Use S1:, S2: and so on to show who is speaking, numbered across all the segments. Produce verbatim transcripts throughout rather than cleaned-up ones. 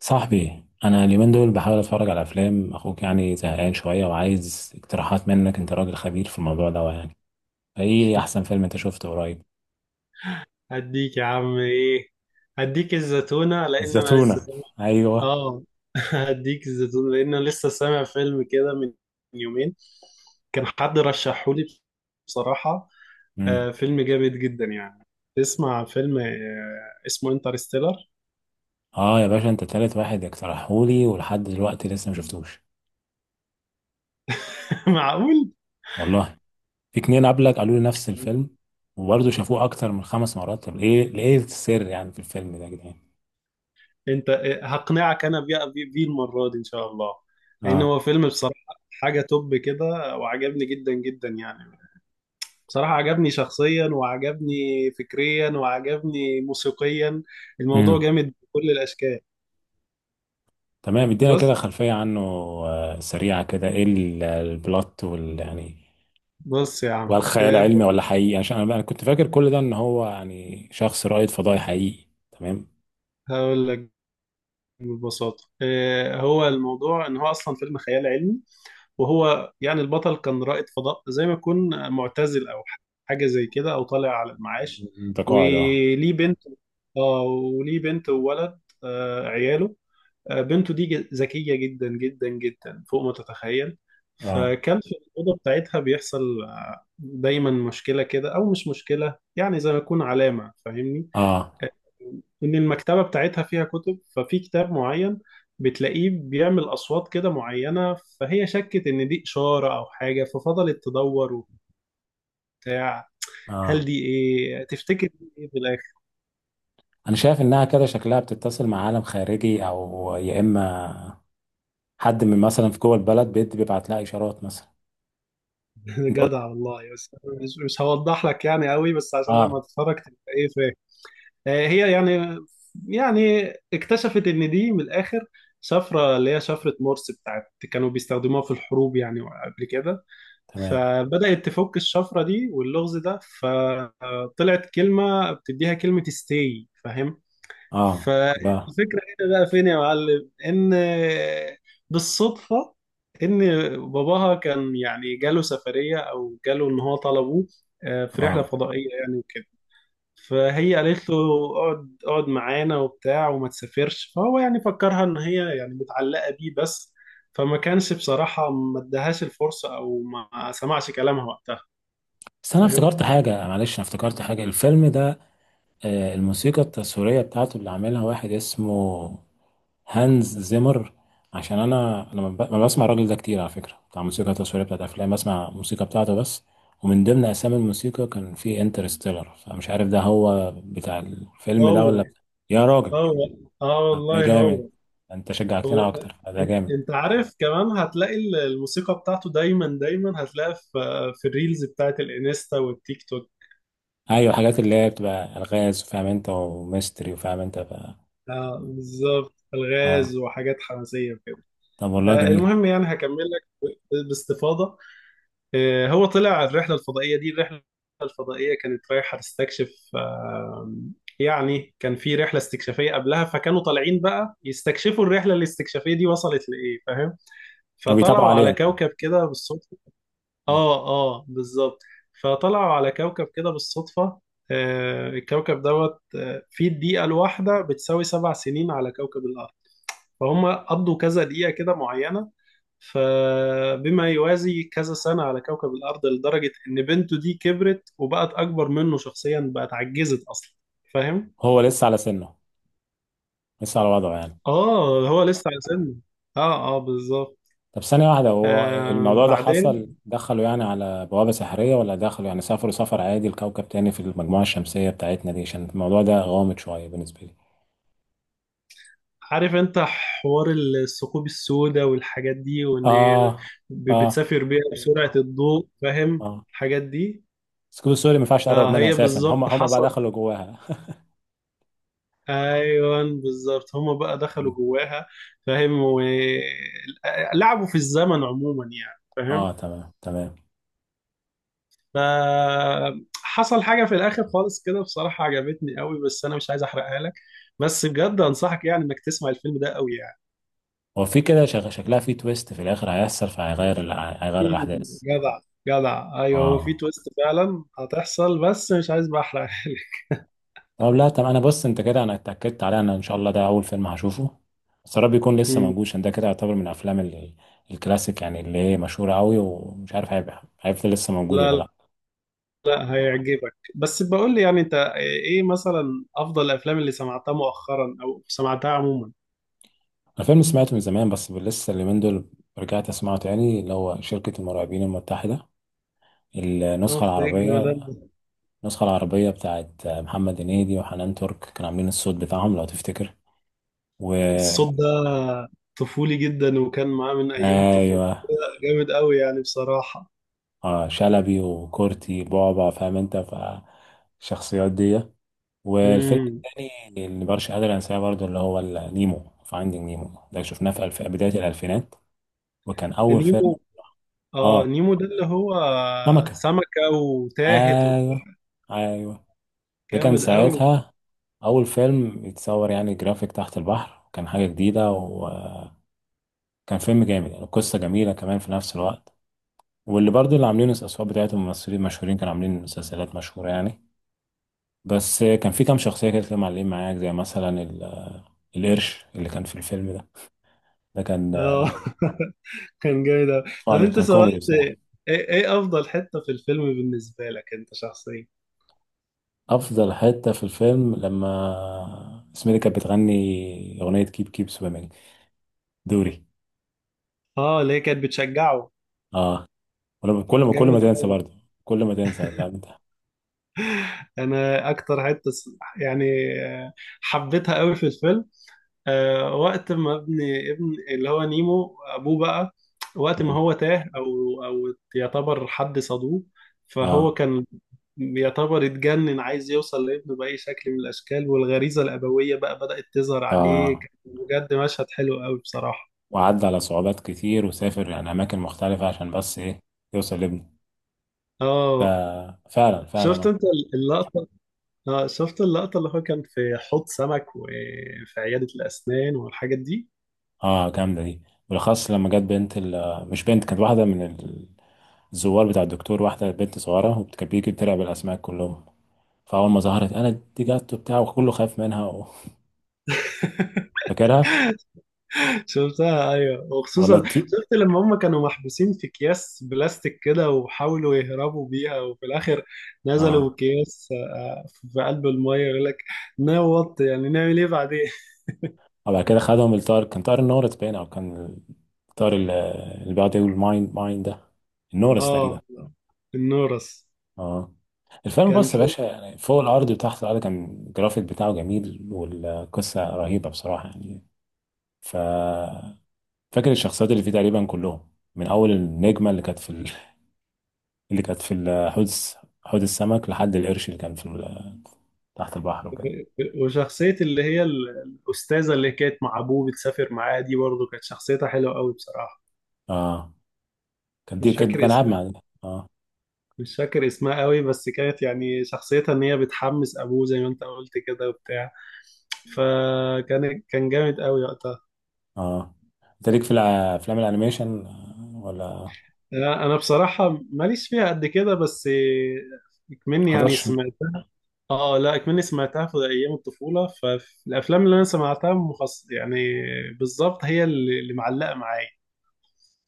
S1: صاحبي، انا اليومين دول بحاول اتفرج على افلام. اخوك يعني زهقان شويه وعايز اقتراحات منك، انت راجل خبير في الموضوع ده يعني. ايه احسن فيلم انت شفته قريب؟
S2: هديك يا عم ايه؟ هديك الزتونة لان انا لسه
S1: الزتونة؟
S2: سامع.
S1: ايوه.
S2: اه. هديك الزتونة لان انا لسه سامع فيلم كده من يومين. كان حد رشحهولي بصراحة.
S1: امم.
S2: آه فيلم جامد جدا يعني. تسمع فيلم آه اسمه انترستيلر؟
S1: اه يا باشا، انت تالت واحد اقترحهولي ولحد دلوقتي لسه ما شفتوش.
S2: معقول؟
S1: والله في اتنين قبلك قالوا لي نفس الفيلم، وبرضه شافوه اكتر من خمس مرات. طب ايه ايه السر يعني في الفيلم ده يا جدعان؟
S2: انت آه، هقنعك انا بيه بيه بيه المرة دي ان شاء الله. لان
S1: اه.
S2: هو فيلم بصراحة حاجة توب كده. وعجبني جدا جدا يعني. بصراحة عجبني شخصيا وعجبني فكريا وعجبني موسيقيا. الموضوع
S1: امم
S2: جامد بكل الأشكال.
S1: تمام، ادينا
S2: بص.
S1: كده خلفيه عنه. آه، سريعه كده، ايه ال- البلوت وال يعني،
S2: بص يا عم،
S1: وهل خيال
S2: آه،
S1: علمي ولا حقيقي؟ يعني عشان انا أنا كنت فاكر كل ده ان هو يعني شخص رائد فضائي حقيقي. تمام.
S2: هقول لك ببساطة. آه، هو الموضوع إن هو أصلا فيلم خيال علمي. وهو يعني البطل كان رائد فضاء زي ما يكون معتزل أو حاجة زي كده، أو طالع على المعاش.
S1: ده قاعدة. اه.
S2: وليه بنت. اه وليه بنت وولد، آه، عياله. آه، بنته دي ج- ذكية جدا جدا جدا فوق ما تتخيل.
S1: اه.
S2: فكان في الأوضة بتاعتها بيحصل آه، دايما مشكلة كده، أو مش مشكلة يعني زي ما يكون علامة، فاهمني؟
S1: اه.
S2: آه، إن المكتبة بتاعتها فيها كتب. ففي كتاب معين بتلاقيه بيعمل أصوات كده معينة، فهي شكت إن دي إشارة أو حاجة، ففضلت تدور وبتاع. هل
S1: اه.
S2: دي إيه تفتكر؟ دي إيه في الآخر؟
S1: انا شايف انها كده شكلها بتتصل مع عالم خارجي، او يا اما حد من مثلا في جوه البلد بيد بيبعت لها اشارات مثلا. انت قلت.
S2: جدع والله. بس أنا مش مش هوضح لك يعني قوي، بس عشان
S1: اه،
S2: لما تتفرج تبقى إيه فاهم. آه، هي يعني، يعني اكتشفت ان دي من الاخر شفره، اللي هي شفره مورس بتاعت كانوا بيستخدموها في الحروب يعني قبل كده.
S1: تمام.
S2: فبدات تفك الشفره دي واللغز ده، فطلعت كلمه بتديها، كلمه ستاي فاهم.
S1: اه. ده.
S2: فالفكره هنا بقى فين يا معلم؟ ان بالصدفه، ان باباها كان يعني جاله سفريه، او جاله ان هو طلبوه آه، في رحله
S1: اه.
S2: فضائيه يعني وكده. فهي قالت له اقعد اقعد معانا وبتاع وما تسافرش. فهو يعني فكرها ان هي يعني متعلقة بيه بس، فما كانش بصراحة ما ادهاش الفرصة او ما سمعش كلامها وقتها،
S1: بس انا
S2: فاهم.
S1: افتكرت حاجه، معلش، انا افتكرت حاجه الفيلم ده. آه الموسيقى التصويريه بتاعته اللي عاملها واحد اسمه هانز زيمر. عشان انا انا ما ب- ما بسمع الراجل ده كتير على فكره، بتاع موسيقى تصويريه بتاعت افلام، بسمع موسيقى بتاعته بس. ومن ضمن اسامي الموسيقى كان في انترستيلر، فمش عارف ده هو بتاع الفيلم ده ولا
S2: هو.
S1: بتاع. يا راجل!
S2: هو. اه
S1: طب ده
S2: والله
S1: جامد،
S2: هو.
S1: انت شجعتنا
S2: هو،
S1: اكتر. ده
S2: إن-
S1: جامد.
S2: انت عارف كمان هتلاقي ال- الموسيقى بتاعته دايما دايما هتلاقيها في في الريلز بتاعت الانستا والتيك توك.
S1: ايوه، الحاجات اللي هي بتبقى الغاز، فاهم انت، وميستري، وفاهم انت ف...
S2: اه بالظبط
S1: اه.
S2: الغاز وحاجات حماسية وكده.
S1: طب والله
S2: آه،
S1: جميل.
S2: المهم يعني هكمل لك ب- باستفاضة. آه، هو طلع الرحلة الفضائية دي. الرحلة الفضائية كانت رايحة تستكشف. آم، يعني كان في رحلة استكشافية قبلها، فكانوا طالعين بقى يستكشفوا الرحلة الاستكشافية دي وصلت لإيه، فاهم.
S1: طب بيتابعوا
S2: فطلعوا على
S1: عليهم مين؟
S2: كوكب كده بالصدفة. اه اه بالظبط. فطلعوا على كوكب كده بالصدفة. آه، الكوكب دوت آه، في الدقيقة الواحدة بتساوي سبع سنين على كوكب الأرض. فهم قضوا كذا دقيقة كده معينة، فبما يوازي كذا سنة على كوكب الأرض، لدرجة إن بنته دي كبرت وبقت أكبر منه شخصيا، بقت عجزت أصلا. فاهم؟
S1: هو لسه على سنه، لسه على وضعه يعني.
S2: آه هو لسه على سنه. آه آه بالظبط.
S1: طب ثانية واحدة، هو
S2: آه
S1: الموضوع ده
S2: بعدين
S1: حصل دخلوا يعني على بوابة سحرية، ولا دخلوا يعني سافروا سفر عادي لكوكب تاني في المجموعة الشمسية بتاعتنا دي؟ عشان الموضوع ده غامض شوية بالنسبة لي.
S2: عارف أنت حوار الثقوب السوداء والحاجات دي، وإن
S1: اه.
S2: ب-
S1: اه.
S2: بتسافر بيها بسرعة الضوء، فاهم؟
S1: اه.
S2: الحاجات دي.
S1: سكوب سوري ما ينفعش اقرب
S2: آه
S1: منها
S2: هي
S1: اساسا، هم
S2: بالظبط
S1: هم بقى
S2: حصل.
S1: دخلوا جواها.
S2: ايوه بالظبط هما بقى دخلوا جواها. فاهم. ولعبوا في الزمن عموما يعني، فاهم.
S1: اه، تمام تمام.
S2: فحصل حاجه في الاخر خالص كده بصراحه عجبتني قوي، بس انا مش عايز احرقها لك. بس بجد انصحك يعني انك تسمع الفيلم ده قوي يعني.
S1: هو في كده شك- شكلها في تويست في الاخر هيحصل، فهيغير الأح- هيغير
S2: مم،
S1: الاحداث.
S2: جدع. جدع ايوه هو في
S1: اه.
S2: تويست فعلا هتحصل، بس مش عايز بقى احرقها لك.
S1: طب لا، طب انا بص، انت كده انا اتاكدت عليه. انا ان شاء الله ده اول فيلم هشوفه، بس يا رب يكون لسه
S2: مم،
S1: موجود، عشان ده كده يعتبر من الافلام ال- الكلاسيك يعني، اللي هي مشهوره قوي. ومش عارف هيبقى هيفضل لسه موجود
S2: لا.
S1: ولا
S2: لا،
S1: لا.
S2: لا، هيعجبك. بس بقول لي يعني انت ايه مثلا افضل الافلام اللي سمعتها مؤخرا او سمعتها عموما؟
S1: الفيلم سمعته من زمان، بس لسه اليومين دول رجعت اسمعه تاني، اللي هو شركه المرعبين المتحده. النسخه
S2: اوف، ايه
S1: العربيه.
S2: الجمدان ده.
S1: النسخه العربيه بتاعت محمد هنيدي وحنان ترك كانوا عاملين الصوت بتاعهم لو تفتكر. و،
S2: الصوت ده طفولي جدا وكان معاه من ايام الطفوله.
S1: ايوه.
S2: جامد قوي يعني بصراحه.
S1: اه، شلبي وكورتي بعبع، فاهم انت؟ فالشخصيات دي. والفيلم
S2: امم،
S1: التاني اللي مبقاش قادر انساه برضه، اللي هو ال- نيمو فايندينج نيمو، ده شفناه في الف... بداية الألفينات، وكان أول فيلم.
S2: نيمو. اه
S1: اه،
S2: نيمو ده اللي هو
S1: سمكة.
S2: سمكه وتاهت وبتاع.
S1: أيوه. أيوه. ده كان
S2: جامد قوي.
S1: ساعتها أول فيلم يتصور يعني جرافيك تحت البحر، كان حاجة جديدة، وكان فيلم جامد يعني، قصة جميلة كمان في نفس الوقت. واللي برضه اللي عاملين الأصوات بتاعتهم ممثلين مشهورين كانوا عاملين مسلسلات مشهورة يعني. بس كان في كام شخصية كده كانوا معلقين معاك، زي مثلا ال- القرش اللي كان في الفيلم ده ده كان
S2: اه كان جامد قوي. طب
S1: فاني،
S2: انت
S1: كان
S2: سمعت،
S1: كوميدي بصراحة.
S2: ايه ايه افضل حته في الفيلم بالنسبه لك انت شخصيا؟
S1: أفضل حتة في الفيلم لما سميري كانت بتغني أغنية كيب كيب سويمينج، دوري.
S2: اه اللي هي كانت بتشجعه.
S1: اه، ولما كل ما كل ما
S2: جامد
S1: تنسى
S2: قوي.
S1: برضه، كل ما تنسى، فاهم انت؟
S2: انا اكتر حته س- يعني، آه، حبيتها قوي في الفيلم. آه، وقت ما ابن، ابن اللي هو نيمو ابوه بقى، وقت ما
S1: مم.
S2: هو تاه او او يعتبر حد صادوه، فهو
S1: اه.
S2: كان بيعتبر اتجنن عايز يوصل لابنه بأي شكل من الاشكال، والغريزة الابوية بقى بدأت تظهر عليه.
S1: اه،
S2: كان بجد مشهد حلو قوي بصراحة.
S1: وعدى على صعوبات كتير، وسافر يعني أماكن مختلفة عشان بس إيه، يوصل لابنه.
S2: اه
S1: ففعلا
S2: شفت
S1: فعلا.
S2: انت اللقطة؟ اه شفت اللقطة اللي هو كان في حوض سمك وفي عيادة الاسنان والحاجات دي؟
S1: اه، آه، جامدة دي. بالأخص لما جت بنت ال- مش بنت، كانت واحدة من الزوار بتاع الدكتور، واحدة بنت صغيرة، وكانت بتيجي بتلعب الأسماك كلهم. فاول ما ظهرت، انا دي جت وبتاع وكله خايف منها و، فاكرها؟
S2: شفتها ايوه،
S1: ولا
S2: وخصوصا
S1: الطير؟
S2: شفت لما هم كانوا محبوسين في اكياس بلاستيك كده، وحاولوا يهربوا بيها. وفي الاخر نزلوا
S1: اه،
S2: اكياس آه، في قلب الميه، يقول لك نوط، يعني نعمل ايه بعدين.
S1: وبعد كده خدهم الطائر، كان طائر النورس باين، او كان الطائر ال- اللي بيقعد يقول ماين ماين، ده النورس تقريبا.
S2: اه النورس.
S1: اه. الفيلم
S2: كان
S1: بص يا
S2: شو-
S1: باشا يعني فوق الارض وتحت الارض، كان الجرافيك بتاعه جميل والقصه رهيبه بصراحه يعني. ف، فاكر الشخصيات اللي فيه تقريبا كلهم، من اول النجمه اللي كانت في ال... اللي كانت في ال- حوض الس- حوض السمك، لحد القرش اللي كان في ال- تحت البحر وكده.
S2: وشخصية اللي هي ال- الأستاذة اللي كانت مع أبوه بتسافر معاه دي، برضه كانت شخصيتها حلوة قوي بصراحة.
S1: اه، كانت دي
S2: مش
S1: كانت
S2: فاكر
S1: بنلعب
S2: اسمها.
S1: مع ده. اه
S2: مش فاكر اسمها قوي، بس كانت يعني شخصيتها إن هي بتحمس أبوه زي ما أنت قلت كده وبتاع. فكان كان جامد قوي وقتها.
S1: اه. انت ليك في الع- افلام الانيميشن آه، ولا
S2: انا أنا بصراحه ماليش فيها قد كده، بس اكمني يعني
S1: حضرتش؟
S2: سمعتها. اه لا، اكمني سمعتها في ايام الطفوله، فالافلام اللي انا سمعتها مخص يعني بالظبط هي اللي اللي معلقه معايا.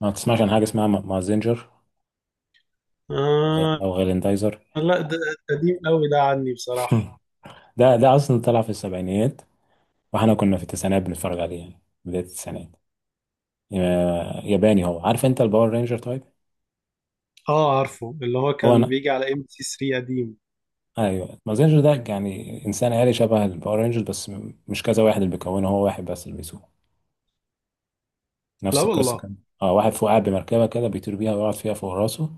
S1: ما تسمعش عن حاجه اسمها م- مازينجر، او غ-
S2: آه
S1: أو غاليندايزر؟
S2: لا، ده ده قديم قوي ده عني بصراحه.
S1: ده ده اصلا طلع في السبعينيات. واحنا كنا في التسعينات بنتفرج عليه يعني بدايه التسعينات. آه، ياباني. هو عارف انت الباور رينجر؟ طيب.
S2: اه عارفه اللي هو
S1: هو
S2: كان
S1: انا.
S2: بيجي على ام بي سي ثلاثة قديم.
S1: ايوه، مازينجر ده يعني انسان آلي شبه الباور رينجر، بس م- مش كذا واحد اللي بيكونه، هو واحد بس اللي بيسوقه.
S2: لا
S1: نفس القصه
S2: والله.
S1: كان اه واحد فوق قاعد بمركبه كده بيطير بيها ويقعد فيها فوق راسه،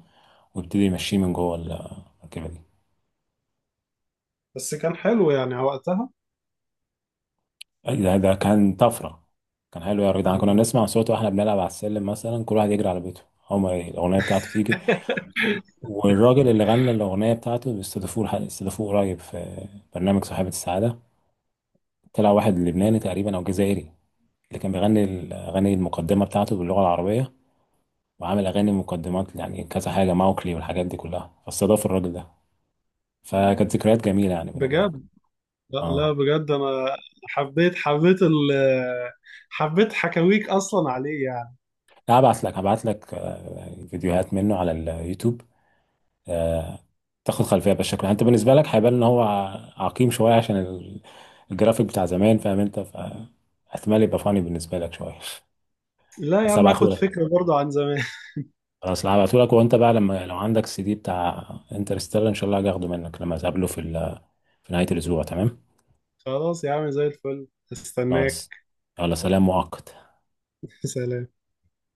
S1: ويبتدي يمشيه من جوه المركبه دي.
S2: بس كان حلو يعني وقتها.
S1: أي، ده ده كان طفره، كان حلو يا جدعان. كنا بنسمع صوته واحنا بنلعب على السلم مثلا، كل واحد يجري على بيته. هما الاغنيه بتاعته تيجي. والراجل اللي غنى الاغنيه بتاعته بيستضيفوه لح- استضافوه قريب في برنامج صاحبة السعاده. طلع واحد لبناني تقريبا او جزائري، اللي كان بيغني الاغاني المقدمه بتاعته باللغه العربيه. وعامل اغاني مقدمات يعني كذا حاجه، ماوكلي والحاجات دي كلها، فاستضاف الراجل ده. فكانت ذكريات جميله يعني بينه وبينه.
S2: بجد. لا لا
S1: اه،
S2: بجد انا حبيت حبيت ال حبيت حكاويك اصلا عليه يعني.
S1: هبعت لك هبعت لك آه، فيديوهات منه على اليوتيوب. آه، تاخد خلفيه بالشكل. انت بالنسبه لك هيبان ان هو ع- عقيم شويه، عشان ال- الجرافيك بتاع زمان، فاهم انت؟ فاحتمال يبقى فاني بالنسبه لك شويه.
S2: لا يا
S1: بس
S2: عم،
S1: هبعته
S2: اخد
S1: لك.
S2: فكرة برضو عن زمان.
S1: خلاص هبعته لك. وانت بقى لما لو عندك السي دي بتاع انترستيلر، ان شاء الله هاجي اخده منك لما اقابله في ال- في نهايه الاسبوع، تمام؟
S2: خلاص يا عم زي الفل،
S1: خلاص.
S2: استناك.
S1: يلا، سلام مؤقت.
S2: سلام.